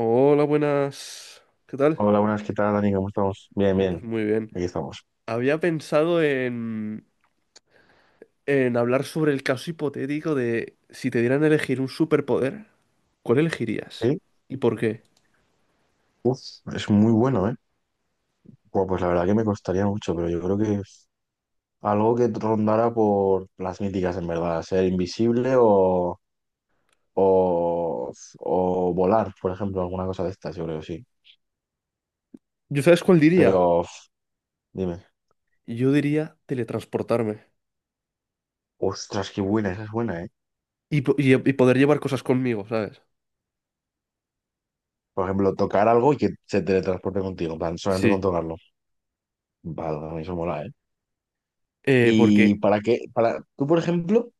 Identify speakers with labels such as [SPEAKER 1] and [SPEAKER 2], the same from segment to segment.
[SPEAKER 1] Hola, buenas. ¿Qué tal?
[SPEAKER 2] Hola, buenas, ¿qué tal, Dani? ¿Cómo estamos? Bien,
[SPEAKER 1] Pues
[SPEAKER 2] bien,
[SPEAKER 1] muy bien.
[SPEAKER 2] aquí estamos.
[SPEAKER 1] Había pensado en hablar sobre el caso hipotético de si te dieran a elegir un superpoder, ¿cuál elegirías?
[SPEAKER 2] Sí,
[SPEAKER 1] ¿Y por qué?
[SPEAKER 2] uf, es muy bueno, ¿eh? Buah, pues la verdad que me costaría mucho, pero yo creo que es algo que rondara por las míticas, en verdad, ser invisible o, o volar, por ejemplo, alguna cosa de estas, yo creo, sí.
[SPEAKER 1] ¿Yo sabes cuál diría?
[SPEAKER 2] Pero, uf, dime,
[SPEAKER 1] Yo diría teletransportarme
[SPEAKER 2] ostras, qué buena, esa es buena, ¿eh?
[SPEAKER 1] y poder llevar cosas conmigo, ¿sabes?
[SPEAKER 2] Por ejemplo, tocar algo y que se teletransporte contigo, en plan, solamente con
[SPEAKER 1] Sí.
[SPEAKER 2] tocarlo. Vale, a mí eso mola, ¿eh? Y
[SPEAKER 1] Porque
[SPEAKER 2] para qué, para, tú, por ejemplo...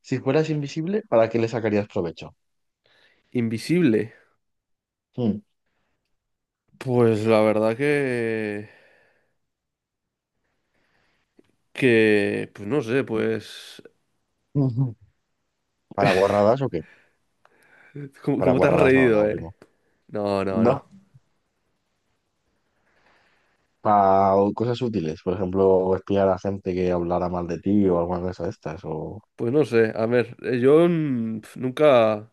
[SPEAKER 2] Si fueras invisible, ¿para qué le sacarías provecho?
[SPEAKER 1] invisible,
[SPEAKER 2] Hmm.
[SPEAKER 1] pues la verdad que, pues no sé, pues.
[SPEAKER 2] Ujú. ¿Para guarradas o qué?
[SPEAKER 1] ¿Cómo,
[SPEAKER 2] Para
[SPEAKER 1] cómo te has
[SPEAKER 2] guarradas no,
[SPEAKER 1] reído,
[SPEAKER 2] no,
[SPEAKER 1] ¿eh?
[SPEAKER 2] primo.
[SPEAKER 1] No, no,
[SPEAKER 2] No,
[SPEAKER 1] no.
[SPEAKER 2] para cosas útiles. Por ejemplo, espiar a gente que hablara mal de ti o alguna cosa de estas. O...
[SPEAKER 1] Pues no sé, a ver, yo nunca,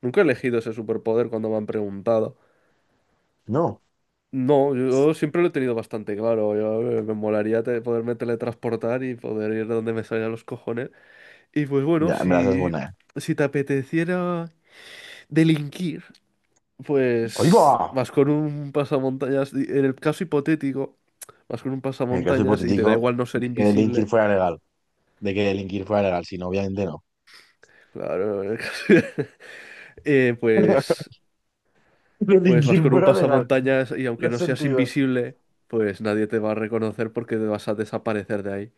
[SPEAKER 1] nunca he elegido ese superpoder cuando me han preguntado.
[SPEAKER 2] No,
[SPEAKER 1] No, yo siempre lo he tenido bastante claro. Yo, me molaría poderme teletransportar y poder ir donde me salgan los cojones. Y pues bueno,
[SPEAKER 2] ya, en verdad es
[SPEAKER 1] si,
[SPEAKER 2] buena, ¿eh?
[SPEAKER 1] si te apeteciera delinquir,
[SPEAKER 2] ¡Ahí
[SPEAKER 1] pues
[SPEAKER 2] va!
[SPEAKER 1] vas con un pasamontañas. Y, en el caso hipotético, vas con un
[SPEAKER 2] En el caso
[SPEAKER 1] pasamontañas y te da
[SPEAKER 2] hipotético
[SPEAKER 1] igual no ser
[SPEAKER 2] de que delinquir
[SPEAKER 1] invisible.
[SPEAKER 2] fuera legal. De que delinquir fuera legal, si no, obviamente no.
[SPEAKER 1] Claro. eh, pues Pues vas
[SPEAKER 2] Delinquir
[SPEAKER 1] con un
[SPEAKER 2] fuera legal.
[SPEAKER 1] pasamontañas y aunque
[SPEAKER 2] No
[SPEAKER 1] no seas
[SPEAKER 2] sentido.
[SPEAKER 1] invisible, pues nadie te va a reconocer porque te vas a desaparecer de ahí.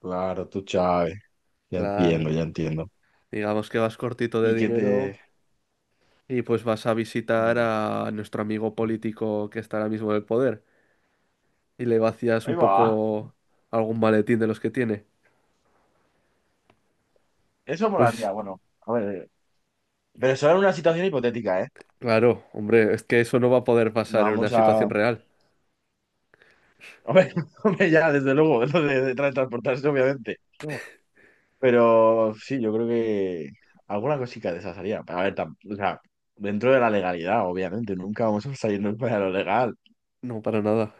[SPEAKER 2] Claro, tú, Chávez. Ya
[SPEAKER 1] Claro.
[SPEAKER 2] entiendo, ya entiendo.
[SPEAKER 1] Digamos que vas cortito de
[SPEAKER 2] Y que
[SPEAKER 1] dinero
[SPEAKER 2] te...
[SPEAKER 1] y pues vas a visitar
[SPEAKER 2] Mm.
[SPEAKER 1] a nuestro amigo político que está ahora mismo en el poder y le vacías
[SPEAKER 2] Ahí
[SPEAKER 1] un
[SPEAKER 2] va.
[SPEAKER 1] poco algún maletín de los que tiene.
[SPEAKER 2] Eso molaría,
[SPEAKER 1] Pues
[SPEAKER 2] bueno. A ver, pero solo en una situación hipotética, ¿eh?
[SPEAKER 1] claro, hombre, es que eso no va a poder
[SPEAKER 2] No
[SPEAKER 1] pasar en una
[SPEAKER 2] vamos a...
[SPEAKER 1] situación real.
[SPEAKER 2] Hombre, hombre, ya, desde luego, lo de transportarse, obviamente. No. Pero sí, yo creo que alguna cosita de esas haría. A ver, o sea, dentro de la legalidad, obviamente, nunca vamos a salirnos para lo legal.
[SPEAKER 1] No, para nada.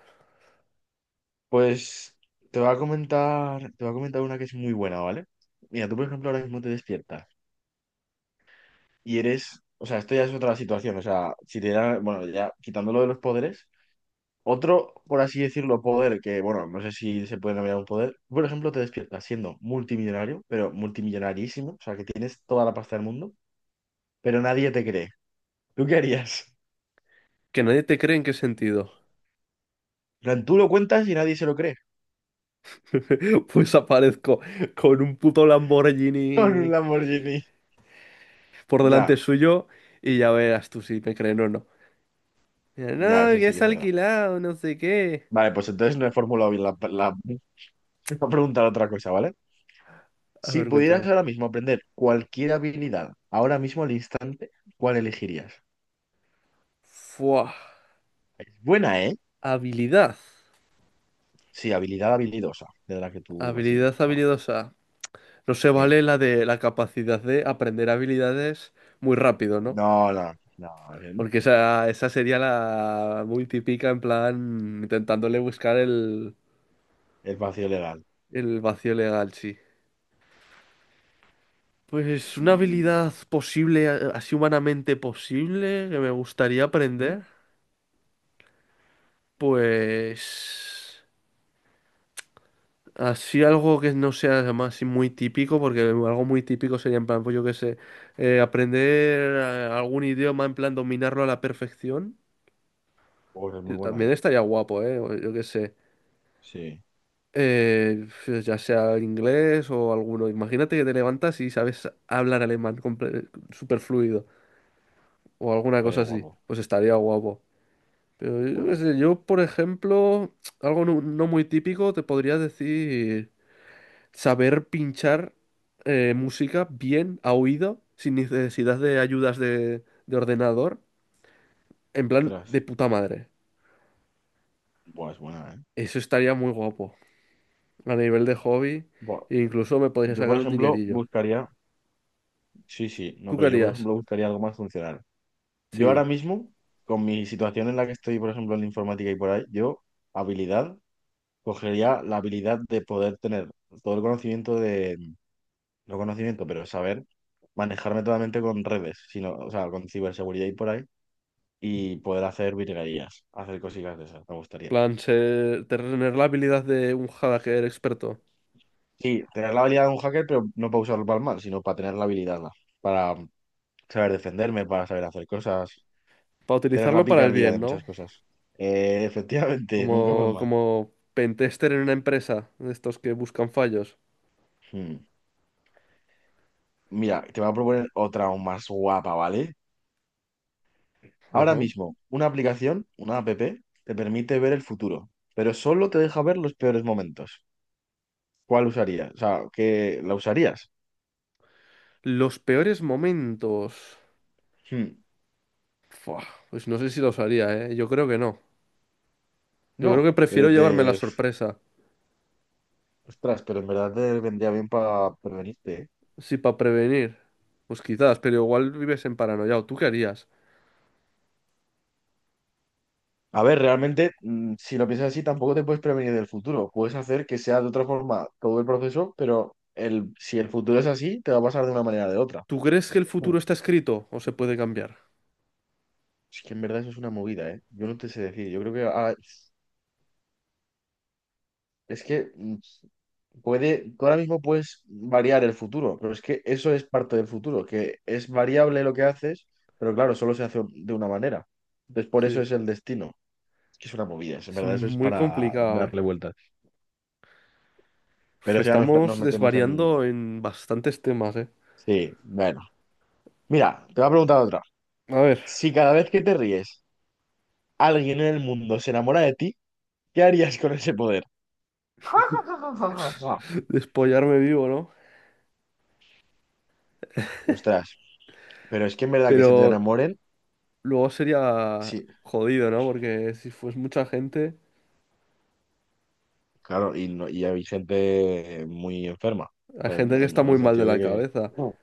[SPEAKER 2] Pues te voy a comentar, te voy a comentar una que es muy buena, ¿vale? Mira, tú, por ejemplo, ahora mismo te despiertas y eres, o sea, esto ya es otra situación, o sea, si te dan, bueno, ya quitándolo de los poderes. Otro, por así decirlo, poder que, bueno, no sé si se puede nombrar un poder. Por ejemplo, te despiertas siendo multimillonario, pero multimillonarísimo, o sea, que tienes toda la pasta del mundo, pero nadie te cree. ¿Tú qué harías?
[SPEAKER 1] ¿Que nadie te cree en qué sentido?
[SPEAKER 2] En plan, tú lo cuentas y nadie se lo cree.
[SPEAKER 1] Pues aparezco con un puto
[SPEAKER 2] Con un
[SPEAKER 1] Lamborghini
[SPEAKER 2] Lamborghini.
[SPEAKER 1] por delante
[SPEAKER 2] Ya,
[SPEAKER 1] suyo y ya verás tú si me creen o no. Mira,
[SPEAKER 2] ya,
[SPEAKER 1] no,
[SPEAKER 2] eso
[SPEAKER 1] que
[SPEAKER 2] sí que
[SPEAKER 1] es
[SPEAKER 2] es verdad.
[SPEAKER 1] alquilado, no sé qué.
[SPEAKER 2] Vale, pues entonces no he formulado bien la, la, la pregunta, otra cosa, ¿vale?
[SPEAKER 1] A
[SPEAKER 2] Si
[SPEAKER 1] ver,
[SPEAKER 2] pudieras
[SPEAKER 1] cuéntame.
[SPEAKER 2] ahora mismo aprender cualquier habilidad, ahora mismo al instante, ¿cuál elegirías?
[SPEAKER 1] Fua.
[SPEAKER 2] Es buena, ¿eh?
[SPEAKER 1] Habilidad.
[SPEAKER 2] Sí, habilidad habilidosa, de la que tú así.
[SPEAKER 1] Habilidad
[SPEAKER 2] Ah,
[SPEAKER 1] habilidosa. No se
[SPEAKER 2] ok.
[SPEAKER 1] vale la de la capacidad de aprender habilidades muy rápido, ¿no?
[SPEAKER 2] No,
[SPEAKER 1] Porque esa sería la muy típica, en plan, intentándole buscar
[SPEAKER 2] el vacío legal.
[SPEAKER 1] el vacío legal, sí. Pues una
[SPEAKER 2] Mm,
[SPEAKER 1] habilidad posible, así humanamente posible, que me gustaría
[SPEAKER 2] ¿sí?
[SPEAKER 1] aprender. Pues así algo que no sea además así muy típico, porque algo muy típico sería en plan, pues yo qué sé, aprender algún idioma, en plan dominarlo a la perfección.
[SPEAKER 2] Oh, es muy buena,
[SPEAKER 1] También
[SPEAKER 2] ¿eh?
[SPEAKER 1] estaría guapo, ¿eh? O yo qué sé.
[SPEAKER 2] Sí,
[SPEAKER 1] Pues ya sea inglés o alguno. Imagínate que te levantas y sabes hablar alemán súper fluido o alguna
[SPEAKER 2] estaría
[SPEAKER 1] cosa así.
[SPEAKER 2] guapo.
[SPEAKER 1] Pues estaría guapo. Pero yo qué
[SPEAKER 2] Jodo.
[SPEAKER 1] sé, yo, por ejemplo, algo no muy típico, te podría decir, saber pinchar música bien a oído, sin necesidad de ayudas de ordenador, en plan de
[SPEAKER 2] Ostras.
[SPEAKER 1] puta madre.
[SPEAKER 2] Buah, es buena, ¿eh?
[SPEAKER 1] Eso estaría muy guapo. A nivel de hobby,
[SPEAKER 2] Buah.
[SPEAKER 1] e incluso me podría
[SPEAKER 2] Yo, por
[SPEAKER 1] sacar un
[SPEAKER 2] ejemplo,
[SPEAKER 1] dinerillo.
[SPEAKER 2] buscaría. Sí, sí, no,
[SPEAKER 1] ¿Tú qué
[SPEAKER 2] pero yo, por
[SPEAKER 1] harías?
[SPEAKER 2] ejemplo, buscaría algo más funcional. Yo ahora
[SPEAKER 1] Sí.
[SPEAKER 2] mismo, con mi situación en la que estoy, por ejemplo, en la informática y por ahí, yo, habilidad, cogería la habilidad de poder tener todo el conocimiento de. No conocimiento, pero saber manejarme totalmente con redes, sino, o sea, con ciberseguridad y por ahí y poder hacer virguerías, hacer cositas de esas, me gustaría.
[SPEAKER 1] Plan, tener la habilidad de un hacker experto.
[SPEAKER 2] Sí, tener la habilidad de un hacker, pero no para usarlo para el mal, sino para tener la habilidad, ¿no? Para saber defenderme, para saber hacer cosas,
[SPEAKER 1] Para
[SPEAKER 2] tener la
[SPEAKER 1] utilizarlo para el
[SPEAKER 2] picardía de
[SPEAKER 1] bien, ¿no?
[SPEAKER 2] muchas cosas. Efectivamente, nunca para el
[SPEAKER 1] Como,
[SPEAKER 2] mal.
[SPEAKER 1] como pentester en una empresa, de estos que buscan fallos.
[SPEAKER 2] Hmm. Mira, te voy a proponer otra aún más guapa, ¿vale? Ahora
[SPEAKER 1] Ajá.
[SPEAKER 2] mismo, una aplicación, una app, te permite ver el futuro, pero solo te deja ver los peores momentos. ¿Cuál usarías? O sea, ¿qué la usarías?
[SPEAKER 1] Los peores momentos.
[SPEAKER 2] Hmm,
[SPEAKER 1] Fua, pues no sé si los haría, ¿eh? Yo creo que no. Yo creo
[SPEAKER 2] no,
[SPEAKER 1] que prefiero
[SPEAKER 2] pero
[SPEAKER 1] llevarme la
[SPEAKER 2] te...
[SPEAKER 1] sorpresa.
[SPEAKER 2] Ostras, pero en verdad te vendría bien para prevenirte, ¿eh?
[SPEAKER 1] Sí, para prevenir. Pues quizás, pero igual vives en paranoia. ¿O tú qué harías?
[SPEAKER 2] A ver, realmente, si lo piensas así, tampoco te puedes prevenir del futuro. Puedes hacer que sea de otra forma todo el proceso, pero el, si el futuro es así, te va a pasar de una manera o de otra.
[SPEAKER 1] ¿Tú crees que el
[SPEAKER 2] Mm.
[SPEAKER 1] futuro está escrito o se puede cambiar?
[SPEAKER 2] Es que en verdad eso es una movida, ¿eh? Yo no te sé decir. Yo creo que es que puede, tú ahora mismo puedes variar el futuro, pero es que eso es parte del futuro, que es variable lo que haces, pero claro, solo se hace de una manera. Entonces, por eso
[SPEAKER 1] Sí,
[SPEAKER 2] es el destino. Que es una movida, es- en
[SPEAKER 1] es
[SPEAKER 2] verdad, eso es
[SPEAKER 1] muy
[SPEAKER 2] para
[SPEAKER 1] complicado, ¿eh?
[SPEAKER 2] darle vueltas.
[SPEAKER 1] Uf,
[SPEAKER 2] Pero ya nos,
[SPEAKER 1] estamos
[SPEAKER 2] nos metemos en...
[SPEAKER 1] desvariando en bastantes temas, ¿eh?
[SPEAKER 2] Sí, bueno. Mira, te voy a preguntar otra.
[SPEAKER 1] A ver,
[SPEAKER 2] Si cada vez que te ríes, alguien en el mundo se enamora de ti, ¿qué harías con ese poder?
[SPEAKER 1] despollarme vivo, ¿no?
[SPEAKER 2] Ostras, pero es que en verdad que se te
[SPEAKER 1] Pero
[SPEAKER 2] enamoren,
[SPEAKER 1] luego sería
[SPEAKER 2] sí,
[SPEAKER 1] jodido, ¿no? Porque si fuese mucha gente,
[SPEAKER 2] claro, y, no, y hay gente muy enferma,
[SPEAKER 1] hay
[SPEAKER 2] en,
[SPEAKER 1] gente que
[SPEAKER 2] en
[SPEAKER 1] está muy
[SPEAKER 2] el
[SPEAKER 1] mal de
[SPEAKER 2] sentido
[SPEAKER 1] la
[SPEAKER 2] de que,
[SPEAKER 1] cabeza.
[SPEAKER 2] uh,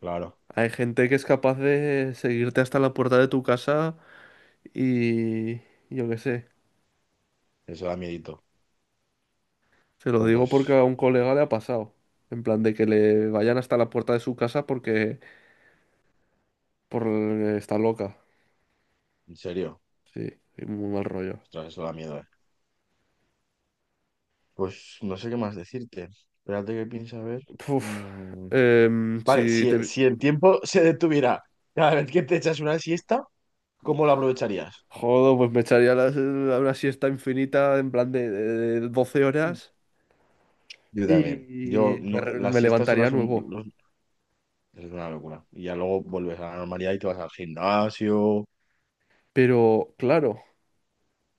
[SPEAKER 2] claro,
[SPEAKER 1] Hay gente que es capaz de seguirte hasta la puerta de tu casa y yo qué sé.
[SPEAKER 2] eso da miedito.
[SPEAKER 1] Se lo
[SPEAKER 2] O
[SPEAKER 1] digo porque
[SPEAKER 2] pues,
[SPEAKER 1] a un colega le ha pasado. En plan de que le vayan hasta la puerta de su casa porque por está loca.
[SPEAKER 2] en serio,
[SPEAKER 1] Sí, y muy mal rollo.
[SPEAKER 2] ostras, eso da miedo, eh. Pues no sé qué más decirte. Espérate que piensa a ver.
[SPEAKER 1] Puf.
[SPEAKER 2] Mm,
[SPEAKER 1] Em,
[SPEAKER 2] vale,
[SPEAKER 1] si
[SPEAKER 2] si,
[SPEAKER 1] te
[SPEAKER 2] si el tiempo se detuviera cada vez que te echas una siesta, ¿cómo la aprovecharías?
[SPEAKER 1] Jodo, pues me echaría una siesta infinita en plan de 12
[SPEAKER 2] Mm.
[SPEAKER 1] horas
[SPEAKER 2] Yo también.
[SPEAKER 1] y
[SPEAKER 2] Yo, no- las
[SPEAKER 1] me
[SPEAKER 2] siestas son
[SPEAKER 1] levantaría
[SPEAKER 2] las... un-
[SPEAKER 1] nuevo.
[SPEAKER 2] los- es una locura. Y ya luego vuelves a la normalidad y te vas al gimnasio.
[SPEAKER 1] Pero claro.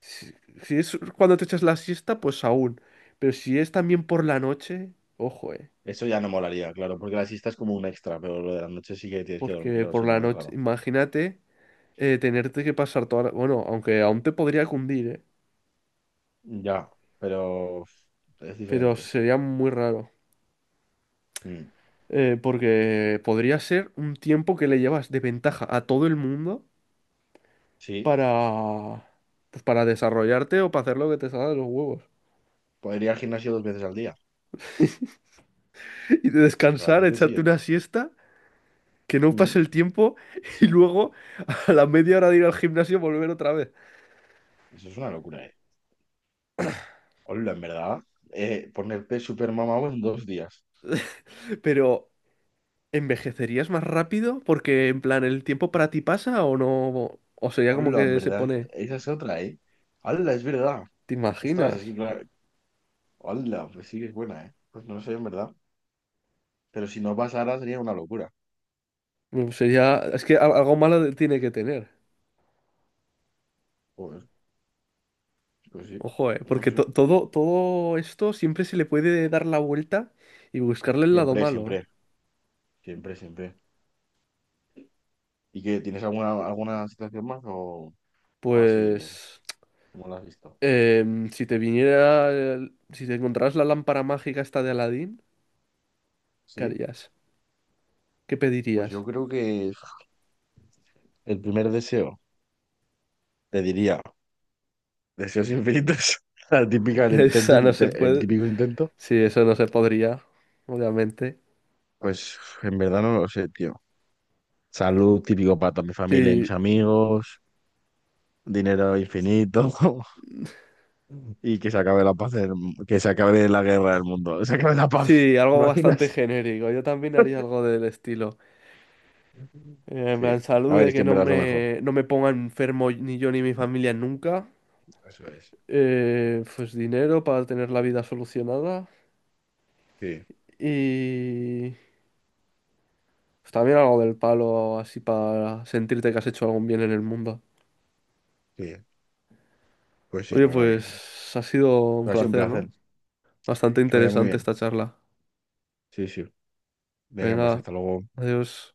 [SPEAKER 1] Si, si es cuando te echas la siesta, pues aún. Pero si es también por la noche, ojo, eh.
[SPEAKER 2] Eso ya no molaría, claro, porque la siesta es como un extra, pero lo de la noche sí que tienes que dormir
[SPEAKER 1] Porque
[SPEAKER 2] o
[SPEAKER 1] por
[SPEAKER 2] si
[SPEAKER 1] la
[SPEAKER 2] no es
[SPEAKER 1] noche,
[SPEAKER 2] raro.
[SPEAKER 1] imagínate tenerte que pasar toda la. Bueno, aunque aún te podría cundir, eh.
[SPEAKER 2] Ya, pero es
[SPEAKER 1] Pero
[SPEAKER 2] diferente.
[SPEAKER 1] sería muy raro.
[SPEAKER 2] Mm,
[SPEAKER 1] Porque podría ser un tiempo que le llevas de ventaja a todo el mundo
[SPEAKER 2] Sí,
[SPEAKER 1] para. Pues para desarrollarte o para hacer lo que te salga de los huevos.
[SPEAKER 2] podría ir al gimnasio 2 veces al día.
[SPEAKER 1] Y de descansar,
[SPEAKER 2] Realmente sí,
[SPEAKER 1] echarte
[SPEAKER 2] ¿eh?
[SPEAKER 1] una siesta, que no pase
[SPEAKER 2] Mm.
[SPEAKER 1] el tiempo y luego a la media hora de ir al gimnasio volver otra vez.
[SPEAKER 2] Eso es una locura, eh. Hola, en verdad. Ponerte super mamado en 2 días.
[SPEAKER 1] Pero, ¿envejecerías más rápido? Porque, en plan, ¿el tiempo para ti pasa o no? O sería como
[SPEAKER 2] Hola, en
[SPEAKER 1] que se
[SPEAKER 2] verdad.
[SPEAKER 1] pone.
[SPEAKER 2] Esa es otra, eh. Hola, es verdad.
[SPEAKER 1] ¿Te
[SPEAKER 2] Ostras,
[SPEAKER 1] imaginas?
[SPEAKER 2] es que claro. Hola, pues sí que es buena, eh. Pues no sé, en verdad. Pero si no pasara sería una locura.
[SPEAKER 1] Sería. Es que algo malo tiene que tener.
[SPEAKER 2] Pues, pues sí,
[SPEAKER 1] Ojo, eh.
[SPEAKER 2] no
[SPEAKER 1] Porque to-
[SPEAKER 2] sé.
[SPEAKER 1] todo, todo esto siempre se le puede dar la vuelta y buscarle el lado
[SPEAKER 2] Siempre,
[SPEAKER 1] malo, eh.
[SPEAKER 2] siempre, siempre, siempre. ¿Y qué? ¿Tienes alguna, alguna situación más o así bien?
[SPEAKER 1] Pues.
[SPEAKER 2] ¿Cómo la has visto?
[SPEAKER 1] Si te encontraras la lámpara mágica esta de Aladín, ¿qué
[SPEAKER 2] Sí.
[SPEAKER 1] harías? ¿Qué
[SPEAKER 2] Pues yo
[SPEAKER 1] pedirías?
[SPEAKER 2] creo que el primer deseo, te diría, deseos infinitos. La típica, el intento,
[SPEAKER 1] Esa no se
[SPEAKER 2] el
[SPEAKER 1] puede.
[SPEAKER 2] típico intento.
[SPEAKER 1] Sí, eso no se podría, obviamente.
[SPEAKER 2] Pues en verdad no lo sé, tío. Salud típico para toda mi familia y mis
[SPEAKER 1] Sí,
[SPEAKER 2] amigos, dinero infinito y que se acabe la paz, del- que se acabe la guerra del mundo, que se acabe la paz,
[SPEAKER 1] sí,
[SPEAKER 2] ¿te
[SPEAKER 1] algo bastante
[SPEAKER 2] imaginas?
[SPEAKER 1] genérico. Yo también haría algo del estilo. En
[SPEAKER 2] Sí,
[SPEAKER 1] plan,
[SPEAKER 2] a
[SPEAKER 1] salud
[SPEAKER 2] ver,
[SPEAKER 1] de
[SPEAKER 2] es que
[SPEAKER 1] que
[SPEAKER 2] en
[SPEAKER 1] no
[SPEAKER 2] verdad es lo mejor.
[SPEAKER 1] me, no me ponga enfermo ni yo ni mi familia nunca.
[SPEAKER 2] Eso es.
[SPEAKER 1] Pues dinero para tener la vida solucionada.
[SPEAKER 2] Sí,
[SPEAKER 1] Y pues también algo del palo, así para sentirte que has hecho algún bien en el mundo.
[SPEAKER 2] sí, pues sí,
[SPEAKER 1] Oye,
[SPEAKER 2] la verdad que sí.
[SPEAKER 1] pues ha sido un
[SPEAKER 2] Ha sido un
[SPEAKER 1] placer,
[SPEAKER 2] placer,
[SPEAKER 1] ¿no? Bastante
[SPEAKER 2] que vaya muy
[SPEAKER 1] interesante
[SPEAKER 2] bien.
[SPEAKER 1] esta charla.
[SPEAKER 2] Sí, sí. Venga, pues
[SPEAKER 1] Venga,
[SPEAKER 2] hasta luego.
[SPEAKER 1] adiós.